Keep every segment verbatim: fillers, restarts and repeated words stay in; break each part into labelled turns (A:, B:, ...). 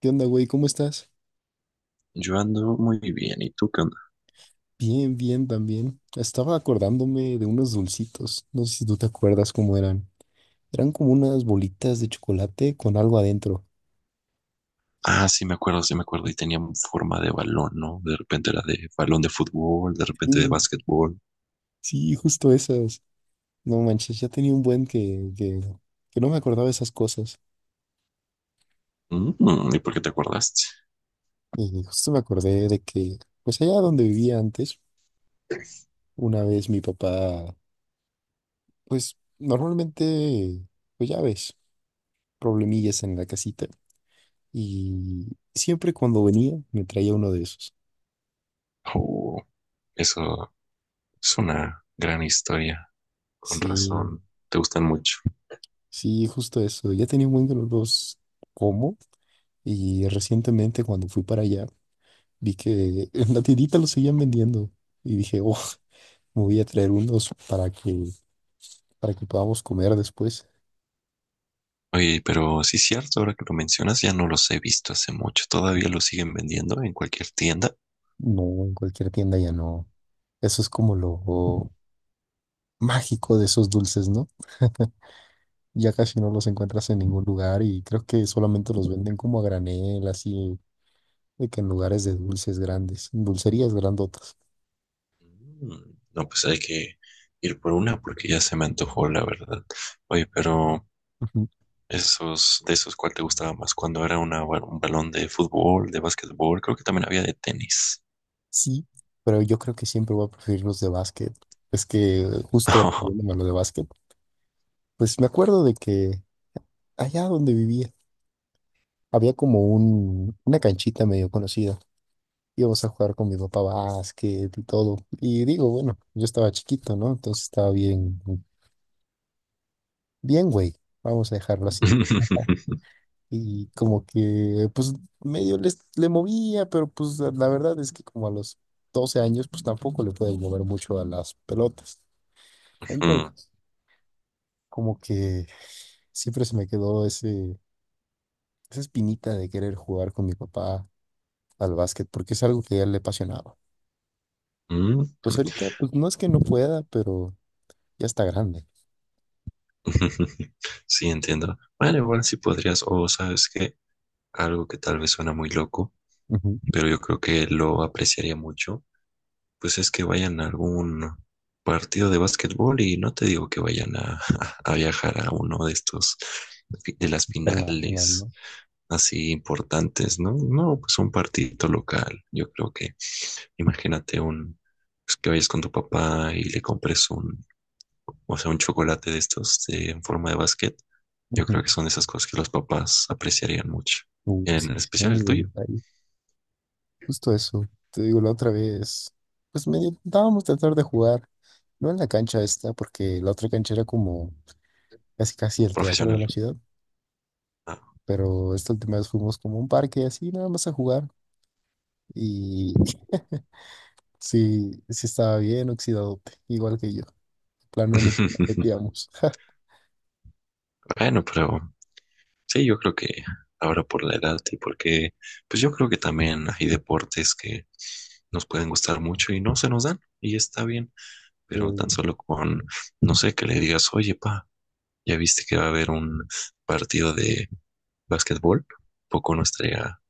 A: ¿Qué onda, güey? ¿Cómo estás?
B: Yo ando muy bien, ¿y tú qué onda?
A: Bien, bien, también. Estaba acordándome de unos dulcitos. No sé si tú te acuerdas cómo eran. Eran como unas bolitas de chocolate con algo adentro.
B: Ah, sí, me acuerdo, sí, me acuerdo. Y tenía forma de balón, ¿no? De repente era de balón de fútbol, de repente de
A: Sí,
B: básquetbol.
A: sí, justo esas. No manches, ya tenía un buen que, que, que no me acordaba de esas cosas.
B: Mm, ¿y por qué te acordaste?
A: Y justo me acordé de que, pues allá donde vivía antes, una vez mi papá, pues normalmente, pues ya ves, problemillas en la casita. Y siempre cuando venía me traía uno de esos.
B: Oh, eso es una gran historia. Con
A: Sí,
B: razón, te gustan mucho.
A: sí, justo eso. Ya tenía un buen que no los como y recientemente cuando fui para allá vi que en la tiendita los seguían vendiendo y dije, oh, me voy a traer unos para que, para que podamos comer después.
B: Oye, pero sí es cierto, ahora que lo mencionas, ya no los he visto hace mucho. ¿Todavía los siguen vendiendo en cualquier tienda?
A: No, en cualquier tienda ya no. Eso es como lo mágico de esos dulces, ¿no? Ya casi no los encuentras en ningún lugar y creo que solamente los venden como a granel, así, de que en lugares de dulces grandes, dulcerías grandotas.
B: Mm, no, pues hay que ir por una porque ya se me antojó, la verdad. Oye, pero
A: Ujú.
B: esos, de esos, ¿cuál te gustaba más? Cuando era una ba- un balón de fútbol, de básquetbol, creo que también había de tenis.
A: Sí, pero yo creo que siempre voy a preferir los de básquet. Es que justo refiriéndome a lo de básquet, pues me acuerdo de que allá donde vivía había como un, una canchita medio conocida. Íbamos a jugar con mi papá básquet y todo. Y digo, bueno, yo estaba chiquito, ¿no? Entonces estaba bien, bien, güey. Vamos a dejarlo así. Y como que, pues medio les, le movía, pero pues la la verdad es que como a los doce años, pues tampoco le puedes mover mucho a las pelotas.
B: Mm,
A: Entonces, como que siempre se me quedó ese, esa espinita de querer jugar con mi papá al básquet, porque es algo que a él le apasionaba.
B: mm.
A: Pues ahorita, pues no es que no pueda, pero ya está grande.
B: Sí, entiendo. Bueno, igual sí podrías, o sabes que algo que tal vez suena muy loco,
A: Ujú,
B: pero yo creo que lo apreciaría mucho, pues es que vayan a algún partido de básquetbol y no te digo que vayan a, a viajar a uno de estos, de las
A: Internacional,
B: finales.
A: ¿no?
B: Así importantes, ¿no? No, pues un partidito local. Yo creo que, imagínate un, pues que vayas con tu papá y le compres un, o sea, un chocolate de estos de- en forma de basquet. Yo
A: Ujú,
B: creo que son de esas cosas que los papás apreciarían mucho.
A: uh,
B: En
A: sí, sí, no,
B: especial
A: muy
B: el
A: buen
B: tuyo,
A: detalle. Justo eso. Te digo, la otra vez, pues medio intentábamos tratar de jugar, no en la cancha esta, porque la otra cancha era como casi casi el teatro de
B: profesional.
A: la ciudad,
B: Ah.
A: pero esta última vez fuimos como a un parque así, nada más a jugar. Y sí, sí estaba bien oxidadote, igual que yo. De plano ni nos metíamos.
B: Bueno, pero sí, yo creo que ahora por la edad y porque, pues yo creo que también hay deportes que nos pueden gustar mucho y no se nos dan y está bien. Pero tan
A: Eh,
B: solo con, no sé, que le digas, oye, pa, ¿ya viste que va a haber un partido de básquetbol? Poco no estaría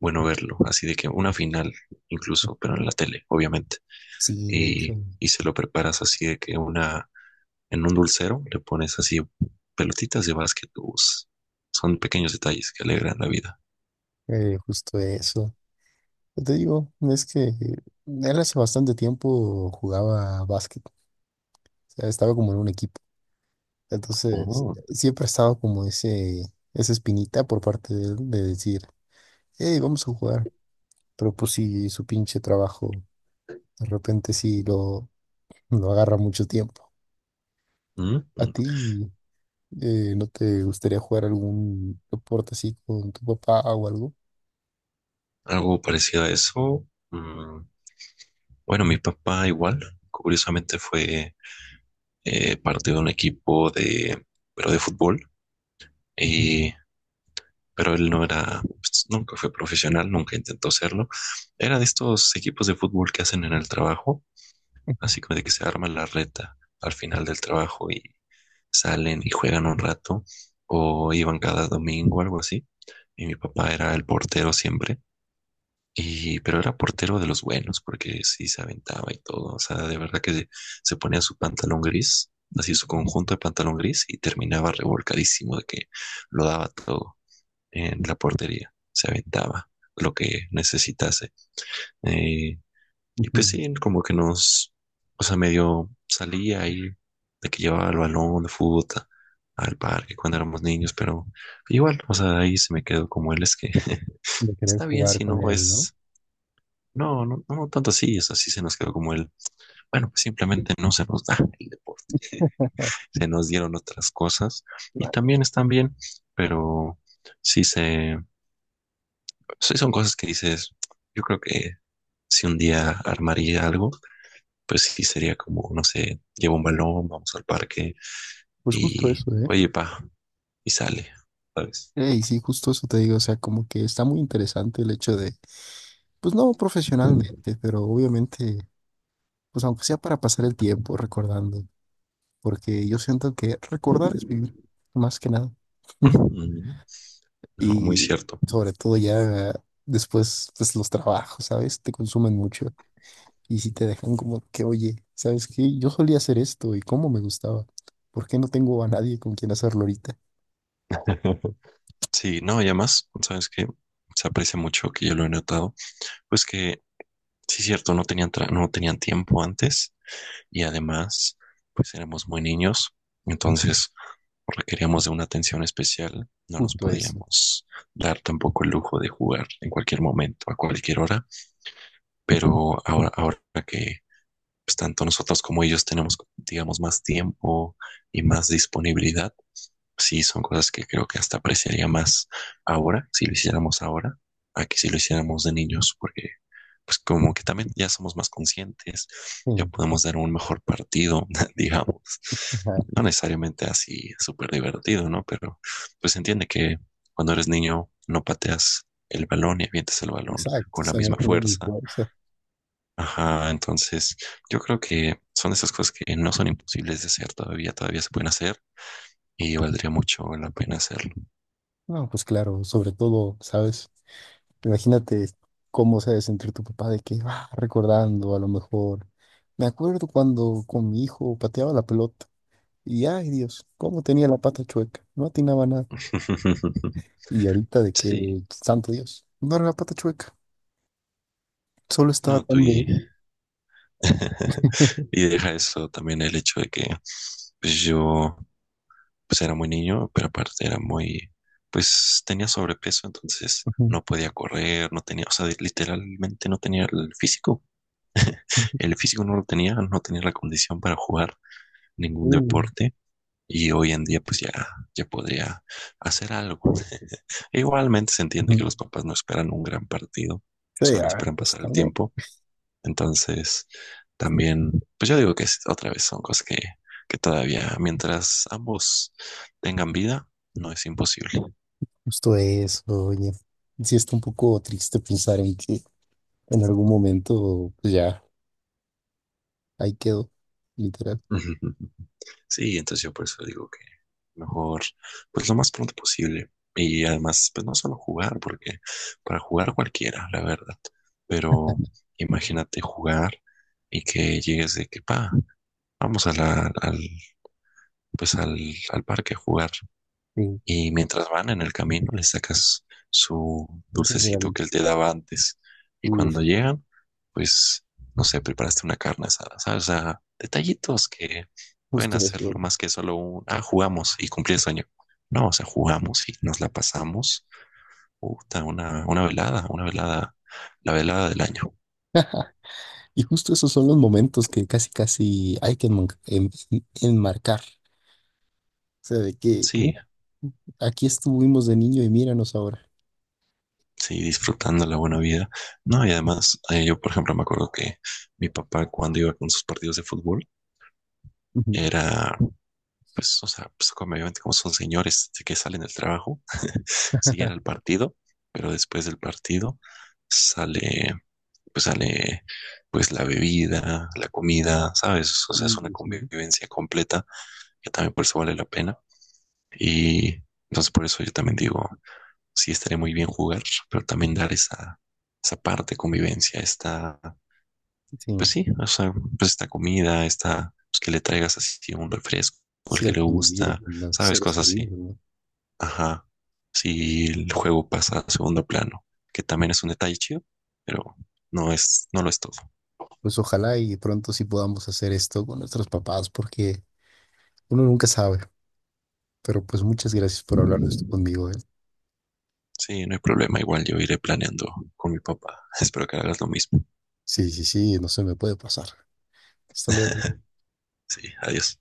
B: bueno verlo, así de que una final incluso, pero en la tele, obviamente.
A: sí, de hecho,
B: Y, y se lo preparas así de que una, en un dulcero le pones así pelotitas de básquet. Us. Son pequeños detalles que alegran la vida.
A: eh, justo eso. Yo te digo, es que eh, él hace bastante tiempo jugaba básquet. O sea, estaba como en un equipo. Entonces,
B: Oh,
A: siempre ha estado como ese, esa espinita por parte de él de decir, hey, vamos a jugar. Pero pues sí, su pinche trabajo, de repente sí lo, lo agarra mucho tiempo.
B: mm,
A: ¿A
B: mm.
A: ti? Eh, ¿no te gustaría jugar algún deporte así con tu papá o algo?
B: Algo parecido a eso. Mm, bueno, mi papá igual, curiosamente fue eh, parte de un equipo de, pero de fútbol,
A: Ujú,
B: y, pero él no era, pues, nunca fue profesional, nunca intentó serlo. Era de estos equipos de fútbol que hacen en el trabajo, así como de que se arma la reta al final del trabajo y salen y juegan un rato, o iban cada domingo, algo así. Y mi papá era el portero siempre. Y, pero era portero de los buenos, porque sí se aventaba y todo. O sea, de verdad que se ponía su pantalón gris, así su conjunto de pantalón gris, y terminaba revolcadísimo de que lo daba todo en la portería. Se aventaba lo que necesitase. Eh, y pues
A: ujú.
B: sí, como que nos, o sea, medio salía ahí de que llevaba el balón de fútbol a- al parque cuando éramos niños, pero igual, o sea, ahí se me quedó como él, es que
A: De querer
B: está bien
A: jugar
B: si
A: con
B: no
A: él, ¿no?
B: es no, no, no, no tanto así, es así se nos quedó como el, bueno, pues simplemente no se nos da el deporte, se nos dieron otras cosas y
A: Vale.
B: también están bien, pero sí se, sí son cosas que dices, yo creo que si un día armaría algo, pues sí sería como, no sé, llevo un balón, vamos al parque
A: Pues justo
B: y,
A: eso, ¿eh?
B: oye, pa, y sale, ¿sabes?
A: Ey, sí, justo eso te digo, o sea, como que está muy interesante el hecho de, pues no profesionalmente, pero obviamente, pues aunque sea para pasar el tiempo recordando, porque yo siento que recordar es vivir, más que nada,
B: Ujú. No, muy
A: y
B: cierto.
A: sobre todo ya después, pues los trabajos, ¿sabes? Te consumen mucho. Y si te dejan como que, oye, ¿sabes qué? Yo solía hacer esto y cómo me gustaba. ¿Por qué no tengo a nadie con quien hacerlo ahorita?
B: Sí, no, y además, ¿sabes qué? Se aprecia mucho que yo lo he notado. Pues que, sí, cierto, no tenían, tra- no tenían tiempo antes y además, pues éramos muy niños, entonces requeríamos de una atención especial, no nos
A: Justo eso.
B: podíamos dar tampoco el lujo de jugar en cualquier momento, a cualquier hora, pero ahora, ahora que pues, tanto nosotros como ellos tenemos, digamos, más tiempo y más disponibilidad, sí, son cosas que creo que hasta apreciaría más ahora, si lo hiciéramos ahora, a que si lo hiciéramos de niños, porque pues como que también ya somos más conscientes, ya
A: Sí,
B: podemos dar un mejor partido, digamos.
A: ajá,
B: No necesariamente así súper divertido, ¿no? Pero pues entiende que cuando eres niño no pateas el balón y avientas el balón
A: exacto. O
B: con la
A: sea, no
B: misma
A: tuve mi
B: fuerza.
A: fuerza.
B: Ajá, entonces yo creo que son esas cosas que no son imposibles de hacer todavía, todavía se pueden hacer y valdría mucho la pena hacerlo.
A: No, pues claro, sobre todo, ¿sabes? Imagínate cómo se ha de sentir tu papá de que va recordando a lo mejor. Me acuerdo cuando con mi hijo pateaba la pelota y, ay Dios, cómo tenía la pata chueca. No atinaba nada. Y ahorita de
B: Sí,
A: que, santo Dios, no era la pata chueca, solo estaba
B: no, tú
A: tan...
B: y
A: bien.
B: y deja eso también el hecho de que pues yo pues era muy niño, pero aparte era muy, pues tenía sobrepeso, entonces no podía correr, no tenía, o sea, literalmente no tenía el físico. El físico no lo tenía, no tenía la condición para jugar ningún
A: Uh,
B: deporte. Y hoy en día pues ya, ya podría hacer algo. E igualmente se entiende que
A: ujú.
B: los papás no esperan un gran partido,
A: Sí,
B: solo
A: ah,
B: esperan
A: es
B: pasar el
A: también
B: tiempo. Entonces, también, pues yo digo que es- otra vez son cosas que, que todavía, mientras ambos tengan vida, no es imposible.
A: justo eso, oye. Sí, está un poco triste pensar en que en algún momento, pues ya, ahí quedó, literal.
B: Ujú. Sí, entonces yo por eso digo que mejor, pues lo más pronto posible. Y además, pues no solo jugar, porque para jugar cualquiera, la verdad. Pero imagínate jugar y que llegues de que, pa, vamos a la, al, pues al, al parque a jugar.
A: Sí,
B: Y mientras van en el camino, le sacas su
A: justo
B: dulcecito
A: real.
B: que él te daba antes. Y
A: Uf,
B: cuando llegan, pues, no sé, preparaste una carne asada, ¿sabes? O sea, detallitos que pueden
A: justo eso.
B: hacerlo más que solo un, ah, jugamos y cumplí el sueño. No, o sea, jugamos y nos la pasamos. Puta, una, una velada, una velada, la velada del año.
A: Y justo esos son los momentos que casi, casi hay que enman- en- en- enmarcar. O sea, de que
B: Sí,
A: mira, aquí estuvimos de niño y míranos ahora.
B: sí, disfrutando la buena vida. No, y además, eh, yo, por ejemplo, me acuerdo que mi papá, cuando iba con sus partidos de fútbol,
A: Ujú.
B: era pues, o sea, pues como obviamente como son señores de que salen del trabajo, siguen al partido, pero después del partido sale, pues sale, pues la bebida, la comida, ¿sabes? O sea, es una
A: Uh, sí,
B: convivencia completa que también por eso vale la pena. Y entonces por eso yo también digo, sí estaría muy bien jugar, pero también dar esa, esa parte de convivencia, esta,
A: sí,
B: pues sí, o sea, pues esta comida, esta, pues que le traigas así un refresco, el
A: sí,
B: que
A: el
B: le
A: convivir
B: gusta,
A: con los
B: ¿sabes?
A: seres
B: Cosas
A: queridos,
B: así.
A: ¿no?
B: Ajá. Si el juego pasa a segundo plano, que también es un detalle chido, pero no es, no lo es todo.
A: Pues ojalá y pronto sí podamos hacer esto con nuestros papás, porque uno nunca sabe. Pero pues muchas gracias por hablar de esto conmigo, ¿eh?
B: Sí, no hay problema. Igual yo iré planeando con mi papá. Espero que hagas lo mismo.
A: Sí, sí, sí, no se me puede pasar. Hasta luego.
B: Sí, adiós.